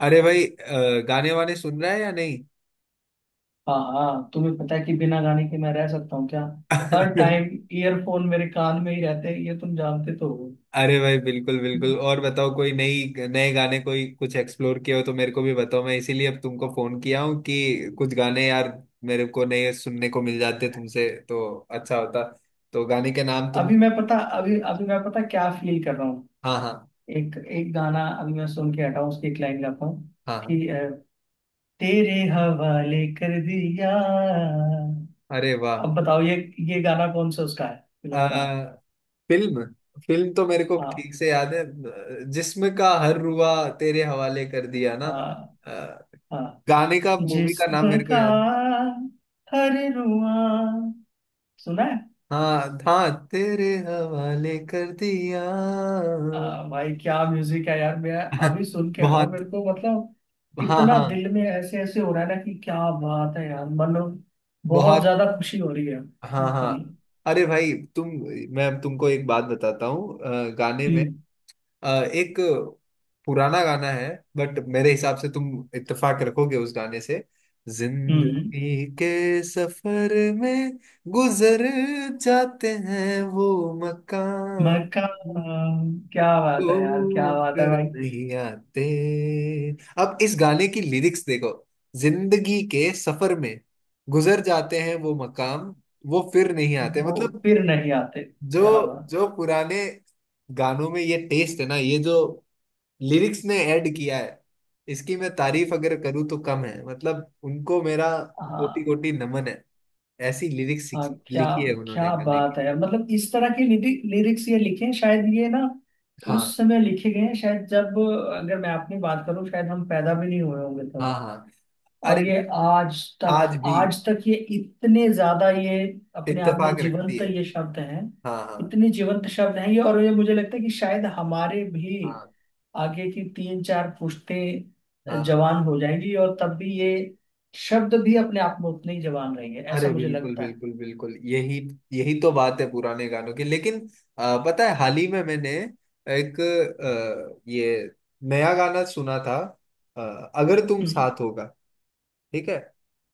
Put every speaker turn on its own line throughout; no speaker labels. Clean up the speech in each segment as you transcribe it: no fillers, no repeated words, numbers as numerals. अरे भाई गाने वाने सुन रहा है या नहीं।
हाँ हाँ, तुम्हें पता है कि बिना गाने के मैं रह सकता हूँ क्या? हर टाइम ईयरफोन मेरे कान में ही रहते हैं, ये तुम जानते तो हो।
अरे भाई बिल्कुल बिल्कुल, और बताओ कोई नई नए गाने कोई कुछ एक्सप्लोर किया हो तो मेरे को भी बताओ। मैं इसीलिए अब तुमको फोन किया हूँ कि कुछ गाने यार मेरे को नए सुनने को मिल जाते तुमसे तो अच्छा होता। तो गाने के नाम तुम बता सकते हो।
अभी अभी मैं पता क्या फील कर रहा हूँ।
हाँ हाँ।
एक एक गाना अभी मैं सुन के हटा हूँ, उसकी एक लाइन गाता हूँ
हाँ हाँ।
कि तेरे हवाले कर दिया।
अरे वाह।
अब बताओ ये गाना कौन सा उसका है,
अ,
फिल्म का।
फिल्म, फिल्म तो मेरे को
हाँ
ठीक से याद है। जिस्म का हर रुआ तेरे हवाले कर दिया ना।
हाँ
अ,
हाँ।
गाने का मूवी का नाम
जिस्म
मेरे को
का
याद।
हर रुआ सुना है।
हाँ था। तेरे हवाले कर दिया।
आ, भाई क्या म्यूजिक है यार। मैं अभी सुन के हटाओ
बहुत।
मेरे को मतलब,
हाँ
इतना
हाँ।
दिल में ऐसे ऐसे हो रहा है ना, कि क्या बात है यार मन, बहुत
बहुत।
ज्यादा खुशी हो रही है।
हाँ
हम्म,
हाँ।
हम्म।
अरे भाई तुम, मैं अब तुमको एक बात बताता हूँ। गाने में अ, एक पुराना गाना है। बट मेरे हिसाब से तुम इत्तेफाक रखोगे उस गाने से।
हम्म। हम्म।
जिंदगी के सफर में गुजर जाते हैं वो
मैं का
मकान।
क्या बात
ओ
है यार, क्या बात है
फिर
भाई।
नहीं आते। अब इस गाने की लिरिक्स देखो। जिंदगी के सफर में गुजर जाते हैं वो मकाम। वो फिर नहीं आते।
वो
मतलब
फिर नहीं आते,
जो
क्या बात
जो पुराने गानों में ये टेस्ट है ना, ये जो लिरिक्स ने ऐड किया है, इसकी मैं तारीफ अगर करूँ तो कम है। मतलब उनको मेरा
है। हाँ
कोटि कोटि नमन है। ऐसी लिरिक्स
हाँ, क्या।
लिखी है
क्या
उन्होंने गाने की।
बात है यार, मतलब इस तरह के लिरिक्स ये लिखे हैं, शायद ये ना उस
हाँ
समय लिखे गए हैं, शायद जब, अगर मैं अपनी बात करूं, शायद हम पैदा भी नहीं हुए होंगे
हाँ
तब।
हाँ।
और
अरे
ये आज तक,
आज भी
आज तक ये इतने ज्यादा ये अपने आप में
इत्तेफाक रखती
जीवंत
है।
ये शब्द हैं।
हाँ हाँ
इतने जीवंत शब्द हैं ये, और ये मुझे लगता है कि शायद हमारे भी
हाँ
आगे की तीन चार पुश्तें
हाँ।
जवान हो जाएंगी, और तब भी ये शब्द भी अपने आप में उतने ही जवान रहेंगे, ऐसा
अरे
मुझे
बिल्कुल
लगता है।
बिल्कुल बिल्कुल, यही यही तो बात है पुराने गानों की। लेकिन पता है हाल ही में मैंने एक ये नया गाना सुना था। अ, अगर तुम
हम्म,
साथ होगा, ठीक है।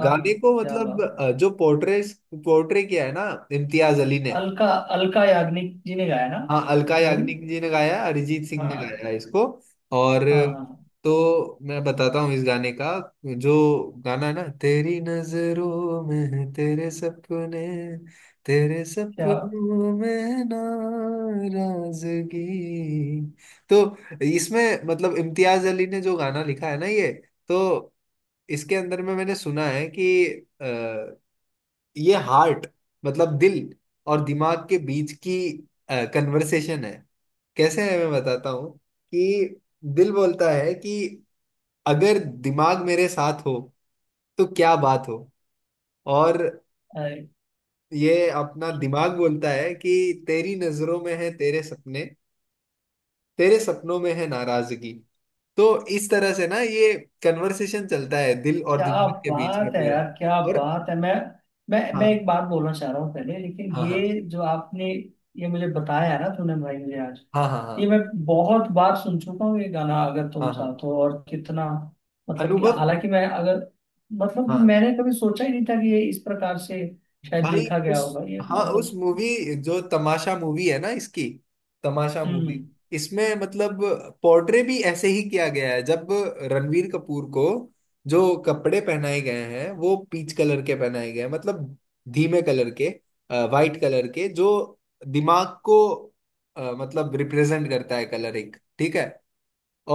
आह,
गाने को
क्या
मतलब
बात
जो पोर्ट्रे, पोर्ट्रे किया है ना इम्तियाज अली ने।
है। अलका अलका याग्निक जी ने गाया ना।
हाँ अलका
वही।
याग्निक जी ने गाया, अरिजीत सिंह ने
हाँ
गाया है इसको। और
हाँ हाँ,
तो मैं बताता हूँ इस गाने का जो गाना है ना, तेरी नजरों में है तेरे सपने, तेरे
क्या।
सपनों में नाराजगी। तो इसमें मतलब इम्तियाज अली ने जो गाना लिखा है ना, ये तो इसके अंदर में मैंने सुना है कि अ, ये हार्ट मतलब दिल और दिमाग के बीच की कन्वर्सेशन है। कैसे है मैं बताता हूँ। कि दिल बोलता है कि अगर दिमाग मेरे साथ हो तो क्या बात हो। और
अरे,
ये अपना दिमाग बोलता है कि तेरी नजरों में है तेरे सपने, तेरे सपनों में है नाराजगी। तो इस तरह से ना ये कन्वर्सेशन चलता है दिल और
क्या
दिमाग के बीच
बात
में
है
पूरा।
यार, क्या
और
बात है, मैं
हाँ
एक बात बोलना चाह रहा हूँ पहले, लेकिन
हाँ हाँ।
ये जो आपने ये मुझे बताया ना तूने भाई मुझे आज,
हाँ हाँ
ये
हाँ।
मैं बहुत बार सुन चुका हूँ ये गाना अगर तुम
हाँ हाँ।
साथ हो, और कितना मतलब कि
अनुभव।
हालांकि मैं अगर, मतलब कि
हाँ
मैंने कभी सोचा ही नहीं था कि ये इस प्रकार से शायद
भाई,
लिखा गया
उस
होगा ये
हाँ उस
मतलब।
मूवी जो तमाशा मूवी है ना इसकी, तमाशा मूवी,
हम्म।
इसमें मतलब पोर्ट्रे भी ऐसे ही किया गया है। जब रणवीर कपूर को जो कपड़े पहनाए गए हैं वो पीच कलर के पहनाए गए हैं, मतलब धीमे कलर के, वाइट कलर के, जो दिमाग को मतलब रिप्रेजेंट करता है कलर एक, ठीक है।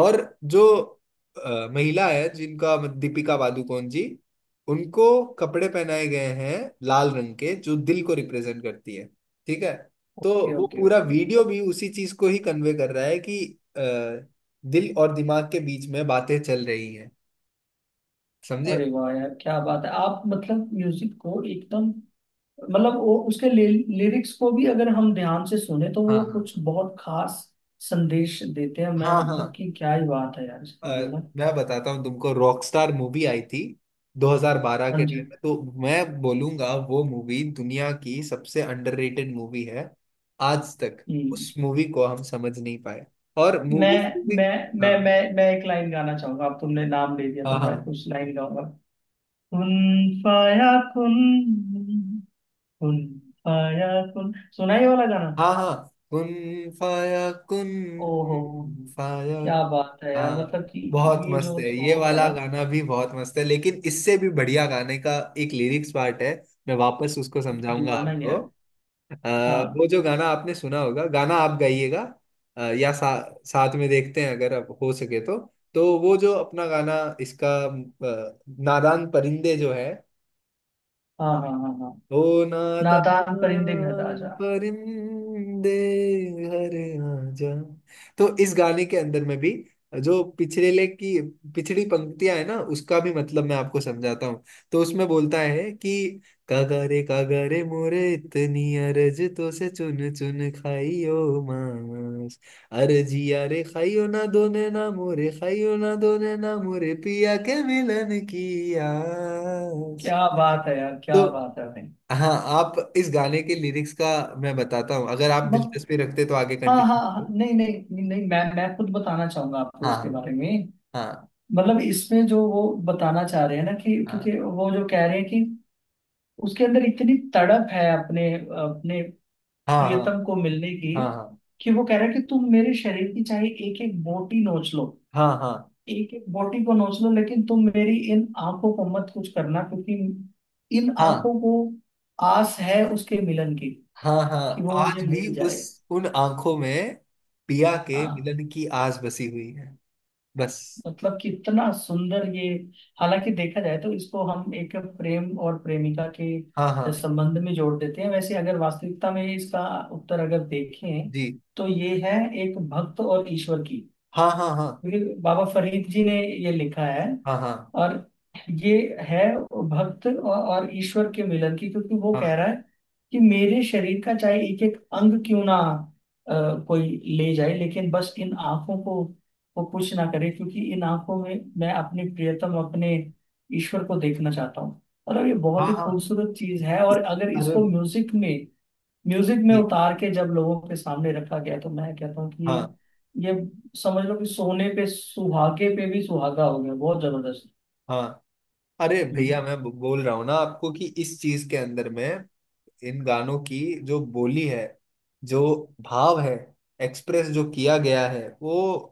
और जो महिला है जिनका दीपिका पादुकोण जी, उनको कपड़े पहनाए गए हैं लाल रंग के जो दिल को रिप्रेजेंट करती है, ठीक है। तो
ओके,
वो
ओके,
पूरा
ओके।
वीडियो भी उसी चीज को ही कन्वे कर रहा है कि अ, दिल और दिमाग के बीच में बातें चल रही हैं, समझे।
अरे वाह यार, क्या बात है, आप मतलब म्यूजिक को एकदम, मतलब वो उसके लिरिक्स को भी अगर हम ध्यान से सुने तो वो
हाँ
कुछ बहुत खास संदेश देते हैं, मैं
हाँ हाँ
मतलब
हाँ।
कि क्या ही बात है यार इसके लिए
अ,
ना।
मैं बताता हूँ तुमको रॉकस्टार मूवी आई थी 2012 के
हाँ जी।
टाइम में। तो मैं बोलूंगा वो मूवी दुनिया की सबसे अंडररेटेड मूवी है आज तक।
हम्म।
उस मूवी को हम समझ नहीं पाए। और
मैं
उस मूवी
मैं मैं
हाँ
मैं मैं एक लाइन गाना चाहूंगा, अब तुमने नाम ले दिया
हाँ
तो मैं
हाँ
कुछ लाइन गाऊंगा। कुन फाया कुन, कुन फाया कुन, सुना ये वाला गाना?
हाँ हाँ। कुन फाया कुन।
ओहो,
कुन फाया।
क्या बात है यार,
हाँ
मतलब कि
बहुत
ये
मस्त
जो
है ये
सॉन्ग है
वाला
ना,
गाना भी बहुत मस्त है, लेकिन इससे भी बढ़िया गाने का एक लिरिक्स पार्ट है। मैं वापस उसको समझाऊंगा
दीवाना ही
आपको।
है।
अ, वो
हाँ
जो गाना आपने सुना होगा, गाना आप गाइएगा या साथ में देखते हैं अगर आप हो सके तो। तो वो जो अपना गाना, इसका नादान परिंदे जो है,
हाँ हाँ हाँ हाँ।
ओ नादान
नादान परिंदे घर आ जा।
परिंदे हर आजा। तो इस गाने के अंदर में भी जो पिछले की, पिछड़ी पंक्तियां है ना, उसका भी मतलब मैं आपको समझाता हूँ। तो उसमें बोलता है कि कागरे कागरे मोरे इतनी अरज तो से चुन चुन खाइयो मांस, अरजिया रे खाइयो ना दोने ना मोरे, खाइयो ना दोने ना मोरे पिया के मिलन की आस।
क्या बात है यार,
तो
क्या बात है भाई,
हाँ आप इस गाने के लिरिक्स का मैं बताता हूँ। अगर आप
मतलब।
दिलचस्पी रखते तो आगे
हाँ हाँ
कंटिन्यू
हाँ,
करें।
नहीं नहीं नहीं, मैं खुद बताना चाहूंगा आपको इसके
हाँ
बारे में।
हाँ
मतलब इसमें जो वो बताना चाह रहे हैं ना कि, क्योंकि
हाँ।
वो जो कह रहे हैं कि उसके अंदर इतनी तड़प है अपने अपने
हाँ हाँ
प्रियतम को मिलने की,
हाँ।
कि वो कह रहा है कि तुम मेरे शरीर की चाहे एक एक बोटी नोच लो,
हाँ हाँ हाँ।
एक एक बोटी को नोच लो, लेकिन तुम मेरी इन आंखों को मत कुछ करना, क्योंकि इन
हाँ
आंखों को आस है उसके मिलन की,
हाँ हाँ।
कि
हाँ,
वो मुझे
आज भी
मिल जाए।
उस उन आंखों में पिया के
हाँ,
मिलन की आस बसी हुई है, बस।
मतलब कितना सुंदर ये। हालांकि देखा जाए तो इसको हम एक प्रेम और प्रेमिका
हाँ हाँ
के संबंध में जोड़ देते हैं, वैसे अगर वास्तविकता में इसका उत्तर अगर देखें,
जी।
तो ये है एक भक्त और ईश्वर की,
हाँ हाँ। हाँ
क्योंकि बाबा फरीद जी ने ये लिखा है।
हाँ। हाँ
और ये है भक्त और ईश्वर के मिलन की, क्योंकि वो कह
हाँ।
रहा है कि मेरे शरीर का चाहे एक एक अंग क्यों ना, अ, कोई ले जाए, लेकिन बस इन आंखों को वो कुछ ना करे, क्योंकि इन आंखों में मैं अपने प्रियतम, अपने ईश्वर को देखना चाहता हूँ। मतलब ये
हाँ
बहुत ही
हाँ।
खूबसूरत चीज है, और अगर
अरे
इसको म्यूजिक में
जी।
उतार के जब लोगों के सामने रखा गया, तो मैं कहता हूँ कि
हाँ
ये समझ लो कि सोने पे सुहागे पे भी सुहागा हो गया, बहुत जबरदस्त।
हाँ। अरे भैया
हम्म,
मैं बोल रहा हूँ ना आपको कि इस चीज के अंदर में इन गानों की जो बोली है, जो भाव है, एक्सप्रेस जो किया गया है, वो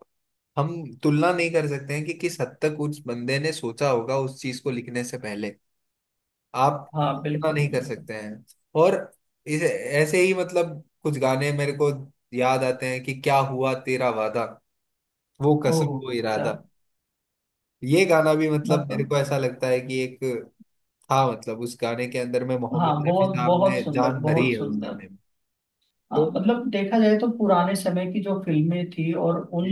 हम तुलना नहीं कर सकते हैं कि किस हद तक उस बंदे ने सोचा होगा उस चीज को लिखने से पहले। आप
हाँ
तुलना
बिल्कुल
नहीं कर
बिल्कुल।
सकते हैं। और इस ऐसे ही मतलब कुछ गाने मेरे को याद आते हैं कि क्या हुआ तेरा वादा, वो कसम वो
ओह यार,
इरादा। ये गाना भी मतलब मेरे
मतलब।
को ऐसा लगता है कि एक था, मतलब उस गाने के अंदर में मोहम्मद
हाँ,
रफी
बहुत
साहब
बहुत
ने
सुंदर,
जान भरी
बहुत
है उस
सुंदर।
गाने में। तो
हाँ मतलब देखा जाए तो पुराने समय की जो फिल्में थी और उन
जी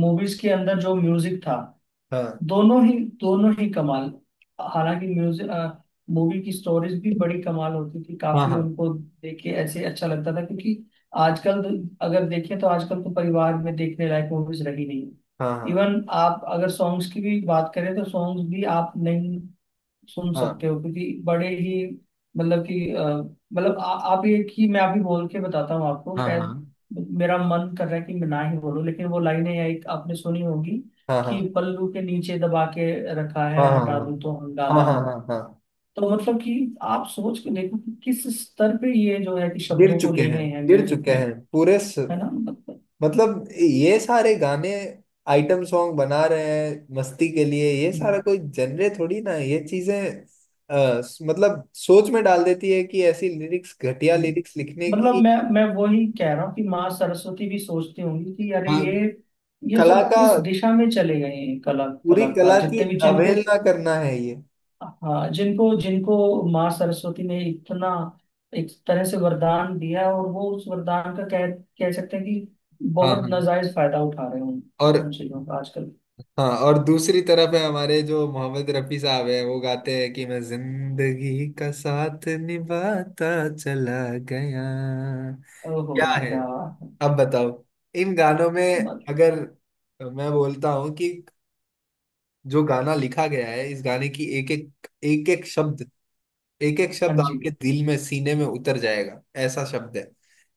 मूवीज के अंदर जो म्यूजिक था,
हाँ
दोनों ही कमाल। हालांकि म्यूजिक, मूवी की स्टोरीज भी बड़ी कमाल होती थी, काफी
हाँ
उनको देख के ऐसे अच्छा लगता था, क्योंकि आजकल तो, अगर देखें तो आजकल तो परिवार में देखने लायक मूवीज रही नहीं।
हाँ। हाँ
इवन आप अगर सॉन्ग्स की भी बात करें तो सॉन्ग्स भी आप नहीं सुन
हाँ
सकते हो, क्योंकि बड़े ही मतलब कि मतलब आप ये कि मैं अभी बोल के बताता हूँ आपको,
हाँ
शायद
हाँ।
मेरा मन कर रहा है कि मैं ना ही बोलूं, लेकिन वो लाइनें एक आपने सुनी होगी
हाँ
कि
हाँ
पल्लू के नीचे दबा के रखा है,
हाँ हाँ।
हटा दूं
हाँ
तो
हाँ
हंगामा
हाँ
हो।
हाँ। हाँ,
तो मतलब कि आप सोच के देखो कि किस स्तर पे ये जो है कि
गिर
शब्दों को
चुके
ले
हैं,
गए हैं
गिर
म्यूजिक
चुके
में,
हैं पूरे
है ना मतलब।
मतलब ये सारे गाने आइटम सॉन्ग बना रहे हैं मस्ती के लिए, ये सारा
हाँ।
कोई जनरे थोड़ी ना है, ये चीजें मतलब सोच में डाल देती है कि ऐसी लिरिक्स, घटिया
हम्म।
लिरिक्स लिखने
मतलब
की।
मैं वही कह रहा हूँ कि माँ सरस्वती भी सोचती होंगी कि अरे
हाँ
ये
कला
सब
का,
किस दिशा में चले गए हैं, कला
पूरी
कलाकार
कला की
जितने भी जिनको,
अवहेलना करना है ये।
हाँ जिनको जिनको माँ सरस्वती ने इतना एक तरह से वरदान दिया है, और वो उस वरदान का कह कह सकते हैं कि
हाँ
बहुत
हाँ।
नाजायज फायदा उठा रहे हैं उन
और
उन चीजों का आजकल।
हाँ, और दूसरी तरफ है हमारे जो मोहम्मद रफी साहब है, वो गाते हैं कि मैं जिंदगी का साथ निभाता चला गया।
ओहो
क्या
हो,
है,
क्या बात है।
अब बताओ इन गानों में।
मत-
अगर मैं बोलता हूँ कि जो गाना लिखा गया है, इस गाने की एक एक एक एक शब्द, एक एक शब्द
हाँ जी,
आपके दिल में सीने में उतर जाएगा, ऐसा शब्द है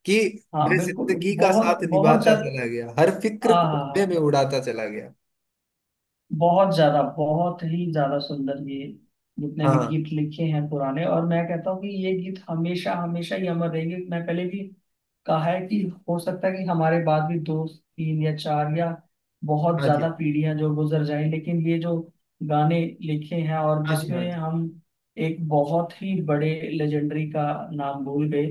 कि
हाँ
मैं
बिल्कुल,
जिंदगी का
बहुत
साथ
बहुत
निभाता चला
ज्यादा।
गया, हर फिक्र
हाँ
को
हाँ
धुएं में
हाँ।
उड़ाता चला गया।
बहुत ज्यादा, बहुत ही ज्यादा सुंदर ये जितने भी
हाँ
गीत लिखे हैं पुराने, और मैं कहता हूँ कि ये गीत हमेशा हमेशा ही अमर रहेंगे, मैं पहले भी कहा है कि हो सकता है कि हमारे बाद भी दो तीन या चार या बहुत
हाँ
ज्यादा
जी।
पीढ़ियां जो गुजर जाएं, लेकिन ये जो गाने लिखे हैं और
हाँ जी। हाँ
जिसमें
जी।
हम एक बहुत ही बड़े लेजेंडरी का नाम भूल गए,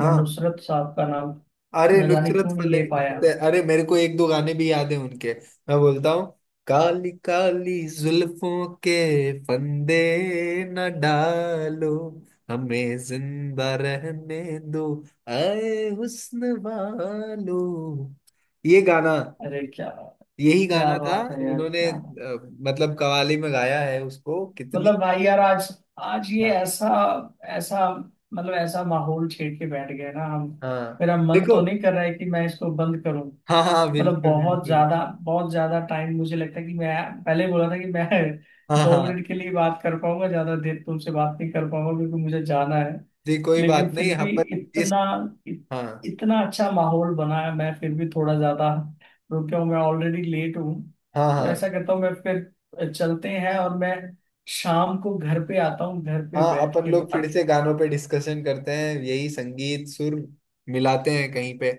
मैं
हाँ
नुसरत साहब का नाम
अरे
न जाने
नुसरत
क्यों नहीं
फले
ले पाया।
फतेह, अरे मेरे को एक दो गाने भी याद है उनके। मैं बोलता हूँ, काली काली जुल्फों के फंदे न डालो, हमें जिंदा रहने दो आए हुस्न वालो, ये गाना,
अरे क्या,
यही
क्या
गाना था।
बात है यार,
उन्होंने
क्या
मतलब कवाली में गाया है उसको कितनी।
मतलब भाई यार, आज आज ये
हाँ
ऐसा ऐसा, मतलब ऐसा माहौल छेड़ के बैठ गए ना हम,
हाँ।
मेरा मन तो
देखो,
नहीं कर रहा है कि मैं इसको बंद करूं,
हाँ हाँ
मतलब
बिल्कुल
बहुत
बिल्कुल।
ज्यादा, बहुत ज्यादा टाइम मुझे लगता है कि मैं पहले बोला था कि मैं
हाँ
दो
हाँ
मिनट के लिए बात कर पाऊंगा, ज्यादा देर तुमसे बात नहीं कर पाऊंगा, क्योंकि मुझे जाना है।
जी, कोई बात
लेकिन
नहीं
फिर
यहाँ
भी
पर इस
इतना इत,
हाँ
इतना अच्छा माहौल बना है, मैं फिर भी थोड़ा ज्यादा रुक गया हूँ, मैं ऑलरेडी लेट हूँ।
हाँ।
तो
हाँ
ऐसा करता हूँ मैं, फिर चलते हैं, और मैं शाम को घर पे आता हूँ, घर पे
हाँ
बैठ
अपन
के
लोग फिर
बात
से
करेंगे।
गानों पे डिस्कशन करते हैं, यही संगीत सुर मिलाते हैं कहीं पे,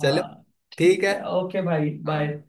चलो
हाँ,
ठीक
ठीक
है।
है, ओके भाई,
हाँ।
बाय।